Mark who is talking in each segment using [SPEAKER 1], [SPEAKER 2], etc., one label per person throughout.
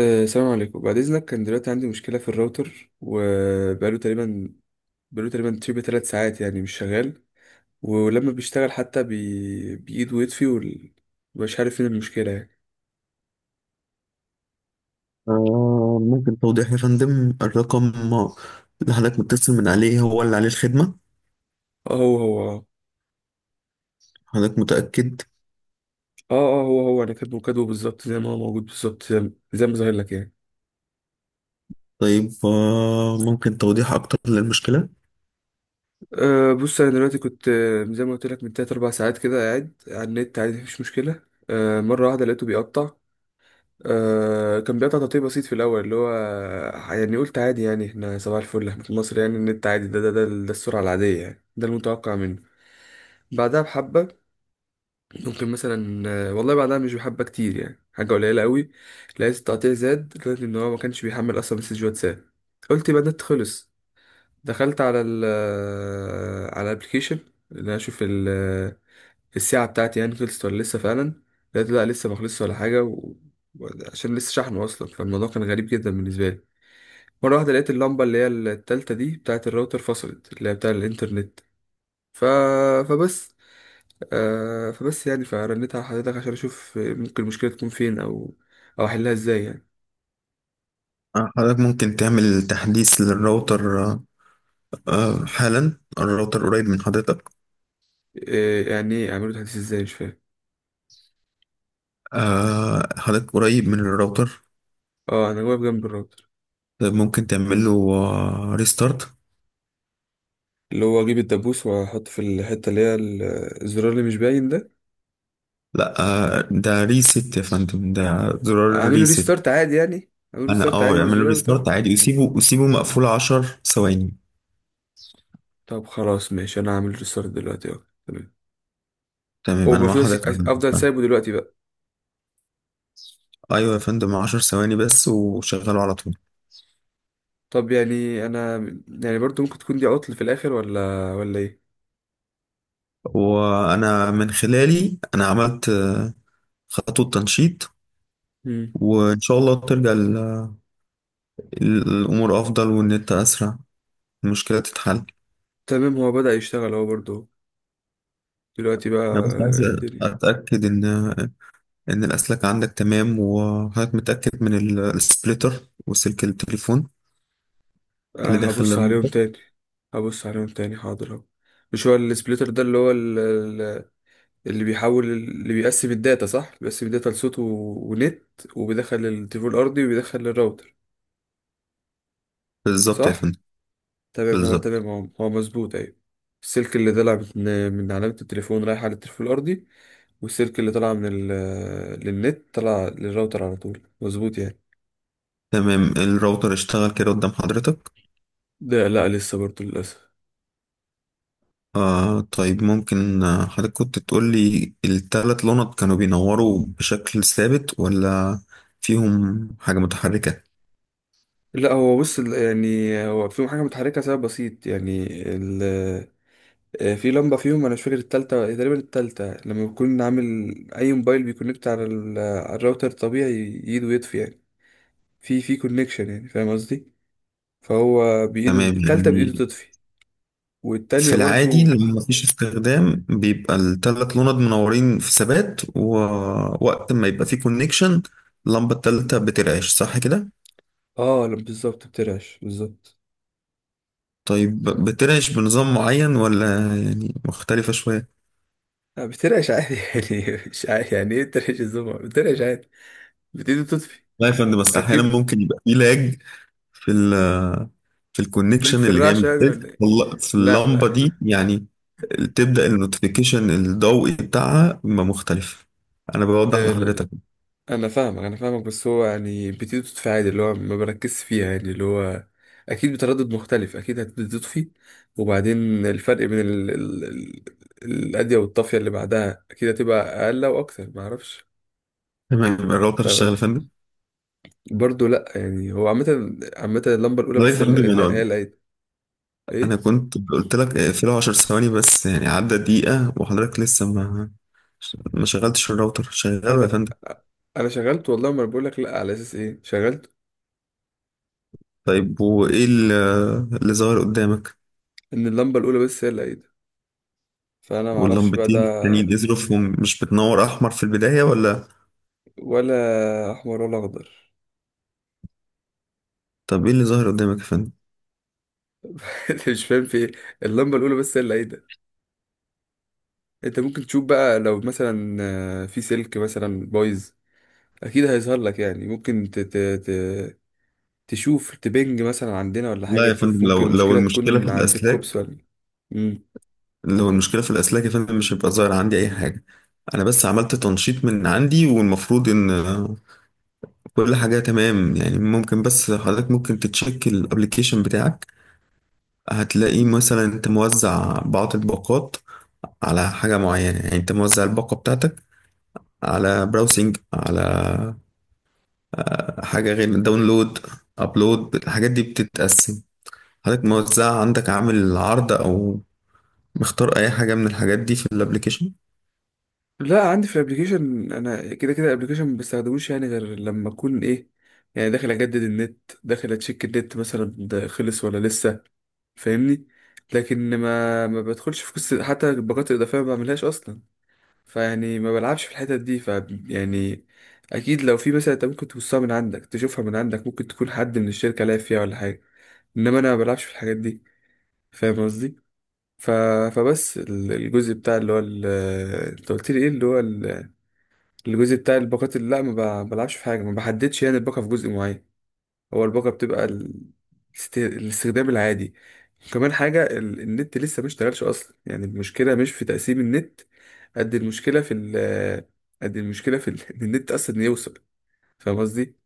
[SPEAKER 1] السلام عليكم. بعد إذنك، كان دلوقتي عندي مشكلة في الراوتر، وبقاله تقريبا بقاله تقريبا تشبه 3 ساعات، يعني مش شغال. ولما بيشتغل حتى بإيد ويطفي مش عارف فين المشكلة يعني.
[SPEAKER 2] ممكن توضيح يا فندم الرقم اللي حضرتك متصل من عليه هو اللي عليه الخدمة.
[SPEAKER 1] اه هو هو اه.
[SPEAKER 2] حضرتك متأكد؟
[SPEAKER 1] اه، هو هو أنا كاتبه كاتبه بالظبط، زي ما هو موجود بالظبط، زي ما ظاهر لك يعني.
[SPEAKER 2] طيب ممكن توضيح أكتر للمشكلة.
[SPEAKER 1] بص، أنا دلوقتي كنت زي ما قلت لك من تلات أربع ساعات كده، قاعد على النت عادي، مفيش مشكلة. مرة واحدة لقيته بيقطع. كان بيقطع تقطيع بسيط في الأول اللي هو، يعني قلت عادي، يعني احنا صباح الفل، احنا في مصر، يعني النت عادي، ده السرعة العادية، يعني ده المتوقع منه. بعدها بحبة، ممكن مثلا، والله بعدها مش بحبة كتير، يعني حاجة قليلة قوي. لقيت التقطيع زاد، لقيت إن هو ما كانش بيحمل أصلا مسج واتساب. قلت يبقى النت خلص. دخلت على ال آه، على الابلكيشن، اللي أنا أشوف الساعة بتاعتي، يعني خلصت ولا لسه فعلا. لقيت لا لسه ما خلصتش ولا حاجة، عشان لسه شحنه أصلا، فالموضوع كان غريب جدا بالنسبة لي. مرة واحدة لقيت اللمبة اللي هي التالتة دي بتاعت الراوتر، فصلت اللي هي بتاع الإنترنت. ف... فبس فبس يعني فرنيت على حضرتك عشان أشوف ممكن المشكلة تكون فين، أو أحلها إزاي يعني.
[SPEAKER 2] حضرتك ممكن تعمل تحديث للراوتر. حالا الراوتر قريب من حضرتك؟
[SPEAKER 1] إيه يعني إيه أعمله تحديث إزاي، مش فاهم.
[SPEAKER 2] حضرتك قريب من الراوتر؟
[SPEAKER 1] أه، أنا واقف جنب الراوتر.
[SPEAKER 2] طيب ممكن تعمل له ريستارت.
[SPEAKER 1] اللي هو أجيب الدبوس وأحطه في الحتة اللي هي الزرار اللي مش باين ده.
[SPEAKER 2] لا، ده ريست يا فندم، ده زرار
[SPEAKER 1] أعمله
[SPEAKER 2] ريست.
[SPEAKER 1] ريستارت عادي، يعني أعمله
[SPEAKER 2] أنا
[SPEAKER 1] ريستارت عادي
[SPEAKER 2] يعمل له
[SPEAKER 1] بالزرار بتاعي.
[SPEAKER 2] ريستارت عادي، وسيبه مقفول 10 ثواني.
[SPEAKER 1] طب خلاص ماشي، انا هعمل ريستارت دلوقتي اهو. تمام. هو
[SPEAKER 2] تمام، انا مع
[SPEAKER 1] المفروض
[SPEAKER 2] حضرتك.
[SPEAKER 1] افضل سايبه دلوقتي بقى.
[SPEAKER 2] ايوه يا فندم، 10 ثواني بس وشغله على طول.
[SPEAKER 1] طب يعني انا، يعني برضو ممكن تكون دي عطل في الاخر، ولا ايه؟
[SPEAKER 2] وانا من خلالي انا عملت خطوه تنشيط،
[SPEAKER 1] مم.
[SPEAKER 2] وان شاء الله ترجع الامور افضل، وان انت اسرع المشكله تتحل.
[SPEAKER 1] تمام هو بدأ يشتغل اهو برضو دلوقتي بقى،
[SPEAKER 2] انا بس عايز
[SPEAKER 1] الدنيا.
[SPEAKER 2] اتاكد ان الاسلاك عندك تمام، وحضرتك متاكد من السبليتر وسلك التليفون
[SPEAKER 1] أه
[SPEAKER 2] اللي داخل
[SPEAKER 1] هبص عليهم
[SPEAKER 2] الراوتر.
[SPEAKER 1] تاني. هبص عليهم تاني، حاضر اهو. مش هو السبليتر ده اللي هو اللي بيحول، اللي بيقسم الداتا، صح؟ بيقسم الداتا لصوت ونت، وبيدخل التليفون الارضي وبيدخل الراوتر،
[SPEAKER 2] بالظبط يا
[SPEAKER 1] صح؟
[SPEAKER 2] فندم.
[SPEAKER 1] تمام، هو
[SPEAKER 2] بالظبط.
[SPEAKER 1] تمام، هو مظبوط، ايوه. السلك اللي طلع من علامة التليفون رايح على التليفون الأرضي، والسلك اللي طلع للنت طلع للراوتر على طول، مظبوط يعني.
[SPEAKER 2] تمام، الراوتر اشتغل كده قدام حضرتك؟
[SPEAKER 1] ده لا، لسه برضه للأسف.
[SPEAKER 2] طيب، ممكن حضرتك كنت تقول لي التلات لونات كانوا بينوروا بشكل ثابت ولا فيهم حاجة متحركة؟
[SPEAKER 1] لا، هو بص يعني هو فيهم حاجة متحركة، سبب بسيط يعني. ال... في لمبة فيهم، أنا مش فاكر، التالتة تقريبا، التالتة لما بكون عامل أي موبايل بيكونكت على، على الراوتر، طبيعي يده يطفي يعني، في كونكشن، يعني فاهم قصدي. فهو بإيده
[SPEAKER 2] تمام.
[SPEAKER 1] التالتة، بإيده
[SPEAKER 2] يعني
[SPEAKER 1] تطفي،
[SPEAKER 2] في
[SPEAKER 1] والتانية
[SPEAKER 2] العادي
[SPEAKER 1] برضو.
[SPEAKER 2] لما مفيش استخدام بيبقى التلات لونات منورين في ثبات، ووقت ما يبقى فيه كونكشن اللمبة التالتة بترعش، صح كده؟
[SPEAKER 1] اه، لما بالظبط بترعش، بالظبط.
[SPEAKER 2] طيب بترعش بنظام معين ولا يعني مختلفة شوية؟
[SPEAKER 1] لا بترعش عادي يعني مش عادي، يعني ايه بترعش الزمع، بترعش عادي، بتيجي تطفي.
[SPEAKER 2] لا يا فندم، بس أحيانا
[SPEAKER 1] اكيد.
[SPEAKER 2] ممكن يبقى فيه لاج في في
[SPEAKER 1] لك
[SPEAKER 2] الكونكشن
[SPEAKER 1] في
[SPEAKER 2] اللي جاي من
[SPEAKER 1] الرعش يعني،
[SPEAKER 2] السلك،
[SPEAKER 1] ولا ايه؟
[SPEAKER 2] والله في
[SPEAKER 1] لا، لا.
[SPEAKER 2] اللمبة دي، يعني تبدأ النوتيفيكيشن الضوئي بتاعها يبقى مختلف. أنا بوضح
[SPEAKER 1] ال...
[SPEAKER 2] لحضرتك.
[SPEAKER 1] انا فاهمك، انا فاهمك، بس هو يعني بتيجي تطفي عادي، اللي هو ما بركزش فيها يعني، اللي هو اكيد بتردد مختلف، اكيد هتبتدي تطفي، وبعدين الفرق بين الادية والطافية اللي بعدها اكيد هتبقى اقل واكتر، ما اعرفش.
[SPEAKER 2] تمام، الراوتر اشتغل يا فندم؟
[SPEAKER 1] برضه لا، يعني هو عامة، عامة اللمبة الأولى بس
[SPEAKER 2] حضرتك يا فندم،
[SPEAKER 1] اللي هي
[SPEAKER 2] أنا
[SPEAKER 1] لقيت.
[SPEAKER 2] أنا
[SPEAKER 1] إيه؟
[SPEAKER 2] كنت قلت لك اقفله 10 ثواني بس، يعني عدى دقيقة وحضرتك لسه ما شغلتش الراوتر. شغله يا
[SPEAKER 1] أنا
[SPEAKER 2] فندم.
[SPEAKER 1] أنا شغلت والله. ما أنا بقول لك، لا على أساس إيه شغلت
[SPEAKER 2] طيب وإيه اللي ظاهر قدامك؟
[SPEAKER 1] إن اللمبة الأولى بس هي اللي لقيت، فأنا معرفش بقى ده.
[SPEAKER 2] واللمبتين التانيين ازرفهم مش بتنور أحمر في البداية ولا؟
[SPEAKER 1] ولا أحمر ولا أخضر.
[SPEAKER 2] طب إيه اللي ظاهر قدامك يا فندم؟
[SPEAKER 1] أنت مش فاهم في إيه. اللمبة الأولى بس هي اللي لقيت. أنت ممكن تشوف بقى، لو مثلا في سلك مثلا بايظ، أكيد هيظهر لك يعني، ممكن تشوف، تبنج مثلا عندنا ولا حاجة،
[SPEAKER 2] لا يا فندم،
[SPEAKER 1] تشوف ممكن
[SPEAKER 2] لو
[SPEAKER 1] المشكلة
[SPEAKER 2] المشكلة في
[SPEAKER 1] تكون عند
[SPEAKER 2] الأسلاك،
[SPEAKER 1] الكوبس، ولا.
[SPEAKER 2] لو المشكلة في الأسلاك يا فندم مش هيبقى ظاهر عندي أي حاجة. أنا بس عملت تنشيط من عندي، والمفروض إن كل حاجة تمام. يعني ممكن، بس حضرتك ممكن تتشيك الأبليكيشن بتاعك. هتلاقي مثلا أنت موزع بعض الباقات على حاجة معينة، يعني أنت موزع الباقة بتاعتك على براوسنج، على حاجة غير داونلود، أبلود. الحاجات دي بتتقسم. حضرتك موزع عندك، عامل عرض، أو مختار أي حاجة من الحاجات دي في الأبليكيشن؟
[SPEAKER 1] لا، عندي في الابليكيشن انا كده كده الابليكيشن ما بستخدموش، يعني غير لما اكون ايه، يعني داخل اجدد النت، داخل اتشيك النت مثلا ده خلص ولا لسه، فاهمني. لكن ما بدخلش في قصه، حتى الباقات الاضافيه ما بعملهاش اصلا، فيعني ما بلعبش في الحتت دي. يعني اكيد لو في مثلا، انت ممكن تبصها من عندك، تشوفها من عندك، ممكن تكون حد من الشركه لعب فيها ولا حاجه، انما انا ما بلعبش في الحاجات دي، فاهم قصدي. ف... فبس الجزء بتاع، اللي هو انت قلت لي ايه، اللي هو الجزء بتاع الباقات، اللي لا ما بلعبش في حاجة، ما بحددش يعني الباقة في جزء معين. هو الباقة بتبقى الاستخدام العادي. وكمان حاجة، النت لسه ما اشتغلش أصلا، يعني المشكلة مش في تقسيم النت، قد المشكلة في ال قد المشكلة إن النت أصلا يوصل، فاهم قصدي؟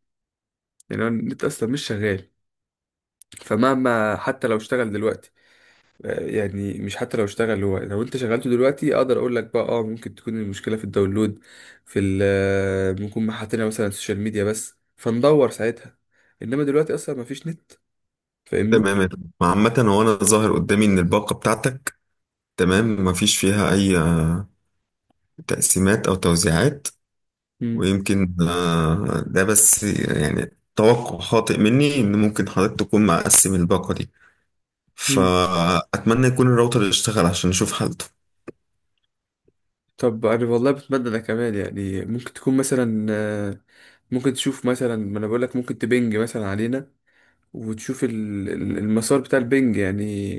[SPEAKER 1] يعني هو النت أصلا مش شغال، فمهما حتى لو اشتغل دلوقتي، يعني مش حتى لو اشتغل، هو لو انت شغلته دلوقتي اقدر اقول لك بقى اه ممكن تكون المشكله في الداونلود، في ال آه، ممكن ما حاطينها مثلا السوشيال ميديا بس فندور ساعتها، انما دلوقتي اصلا ما فيش نت، فاهمني.
[SPEAKER 2] تمام يا فندم. عامة هو أنا ظاهر قدامي إن الباقة بتاعتك تمام، مفيش فيها أي تقسيمات أو توزيعات.
[SPEAKER 1] مم.
[SPEAKER 2] ويمكن ده بس يعني توقع خاطئ مني إن ممكن حضرتك تكون مقسم الباقة دي.
[SPEAKER 1] مم.
[SPEAKER 2] فأتمنى يكون الراوتر يشتغل عشان نشوف حالته.
[SPEAKER 1] طب انا والله بتمنى ده كمان، يعني ممكن تكون مثلا، ممكن تشوف مثلا، ما انا بقول لك ممكن تبنج مثلا علينا، وتشوف المسار بتاع البنج يعني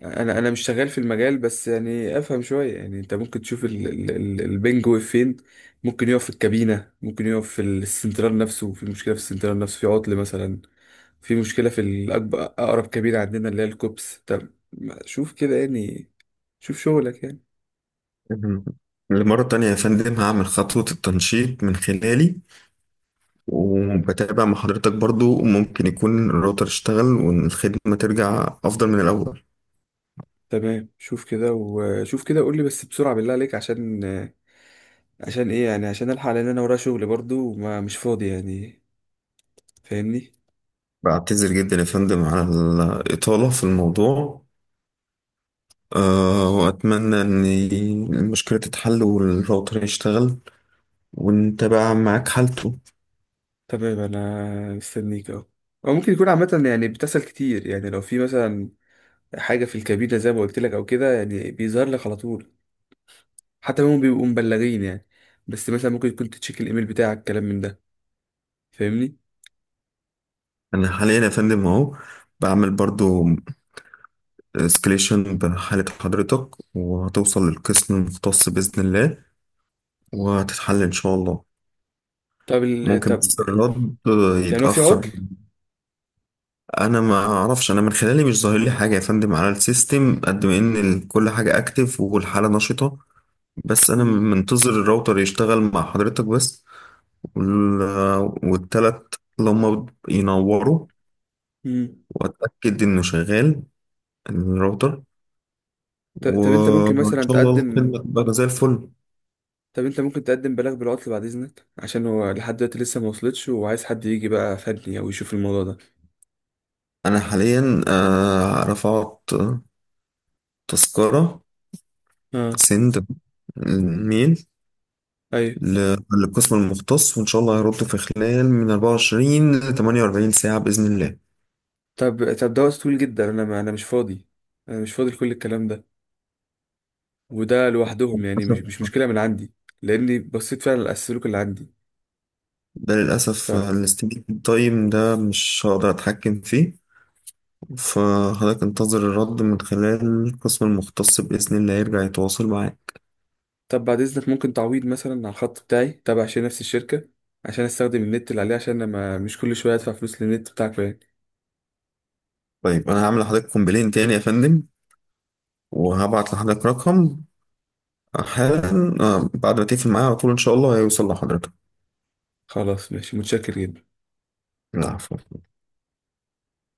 [SPEAKER 1] يعني انا مش شغال في المجال، بس يعني افهم شويه، يعني انت ممكن تشوف البنج واقف فين. ممكن يقف في الكابينه، ممكن يقف في السنترال نفسه، في مشكله في السنترال نفسه، في عطل مثلا، في مشكله في الأكبر اقرب كابينه عندنا اللي هي الكوبس. طب شوف كده يعني، شوف شغلك يعني.
[SPEAKER 2] مهم. لمرة تانية يا فندم هعمل خطوة التنشيط من خلالي، وبتابع مع حضرتك، برضو ممكن يكون الراوتر اشتغل والخدمة ترجع أفضل من الأول.
[SPEAKER 1] تمام، شوف كده وشوف كده، قول لي بس بسرعه بالله عليك، عشان ايه يعني، عشان الحق، لان انا ورايا شغل برضو وما مش فاضي يعني، فاهمني.
[SPEAKER 2] بعتذر جدا يا فندم على الإطالة في الموضوع. وأتمنى إن المشكلة تتحل والراوتر يشتغل، وأنت بقى معاك حالته.
[SPEAKER 1] تمام انا مستنيك اهو. او ممكن يكون عامة، يعني بتحصل كتير يعني، لو في مثلا حاجة في الكابينة زي ما قلت لك او كده، يعني بيظهر لك على طول، حتى هم بيبقوا مبلغين يعني، بس مثلا ممكن تكون تتشيك الايميل بتاعك كلام من ده، فاهمني.
[SPEAKER 2] أنا حاليا يا فندم أهو بعمل برضو اسكليشن بحالة حضرتك، وهتوصل للقسم المختص بإذن الله، وهتتحل إن شاء الله. ممكن
[SPEAKER 1] طب
[SPEAKER 2] بس الرد
[SPEAKER 1] يعني هو في عطل؟
[SPEAKER 2] يتأخر. أنا ما أعرفش، أنا من خلالي مش ظاهر لي حاجة يا فندم على السيستم، قد ما إن كل حاجة أكتف والحالة نشطة. بس انا
[SPEAKER 1] مم.
[SPEAKER 2] منتظر الراوتر يشتغل مع حضرتك بس، وال- والتلات اللي هم ينوروا،
[SPEAKER 1] مم.
[SPEAKER 2] واتاكد انه شغال الراوتر،
[SPEAKER 1] ط- طب انت ممكن
[SPEAKER 2] وان
[SPEAKER 1] مثلا
[SPEAKER 2] شاء الله
[SPEAKER 1] تقدم
[SPEAKER 2] الخدمه تبقى زي الفل.
[SPEAKER 1] طب انت ممكن تقدم بلاغ بالعطل بعد اذنك، عشان هو لحد دلوقتي لسه ما وصلتش، وعايز حد يجي بقى فني او يشوف الموضوع ده.
[SPEAKER 2] انا حاليا رفعت تذكره،
[SPEAKER 1] اه.
[SPEAKER 2] سند الميل
[SPEAKER 1] ايوه.
[SPEAKER 2] للقسم المختص، وان شاء الله هيردوا في خلال من 24 ل 48 ساعه باذن الله.
[SPEAKER 1] طب ده وقت طويل جدا. انا ما انا مش فاضي، انا مش فاضي لكل الكلام ده، وده لوحدهم يعني مش
[SPEAKER 2] للأسف،
[SPEAKER 1] مشكله من عندي، لاني بصيت فعلا على السلوك اللي عندي.
[SPEAKER 2] ده
[SPEAKER 1] ف
[SPEAKER 2] للأسف الاستيميت تايم ده مش هقدر أتحكم فيه. فحضرتك انتظر الرد من خلال القسم المختص بإذن الله يرجع يتواصل معاك.
[SPEAKER 1] طب بعد اذنك، ممكن تعويض مثلا على الخط بتاعي تابع عشان نفس الشركه، عشان استخدم النت اللي عليه، عشان انا ما مش كل شويه ادفع فلوس للنت بتاعكم يعني.
[SPEAKER 2] طيب أنا هعمل لحضرتك كومبلين تاني يا فندم، وهبعت لحضرتك رقم حالا، بعد ما تقفل معايا على طول إن شاء الله هيوصل لحضرتك.
[SPEAKER 1] خلاص ماشي، متشكر جدا.
[SPEAKER 2] العفو.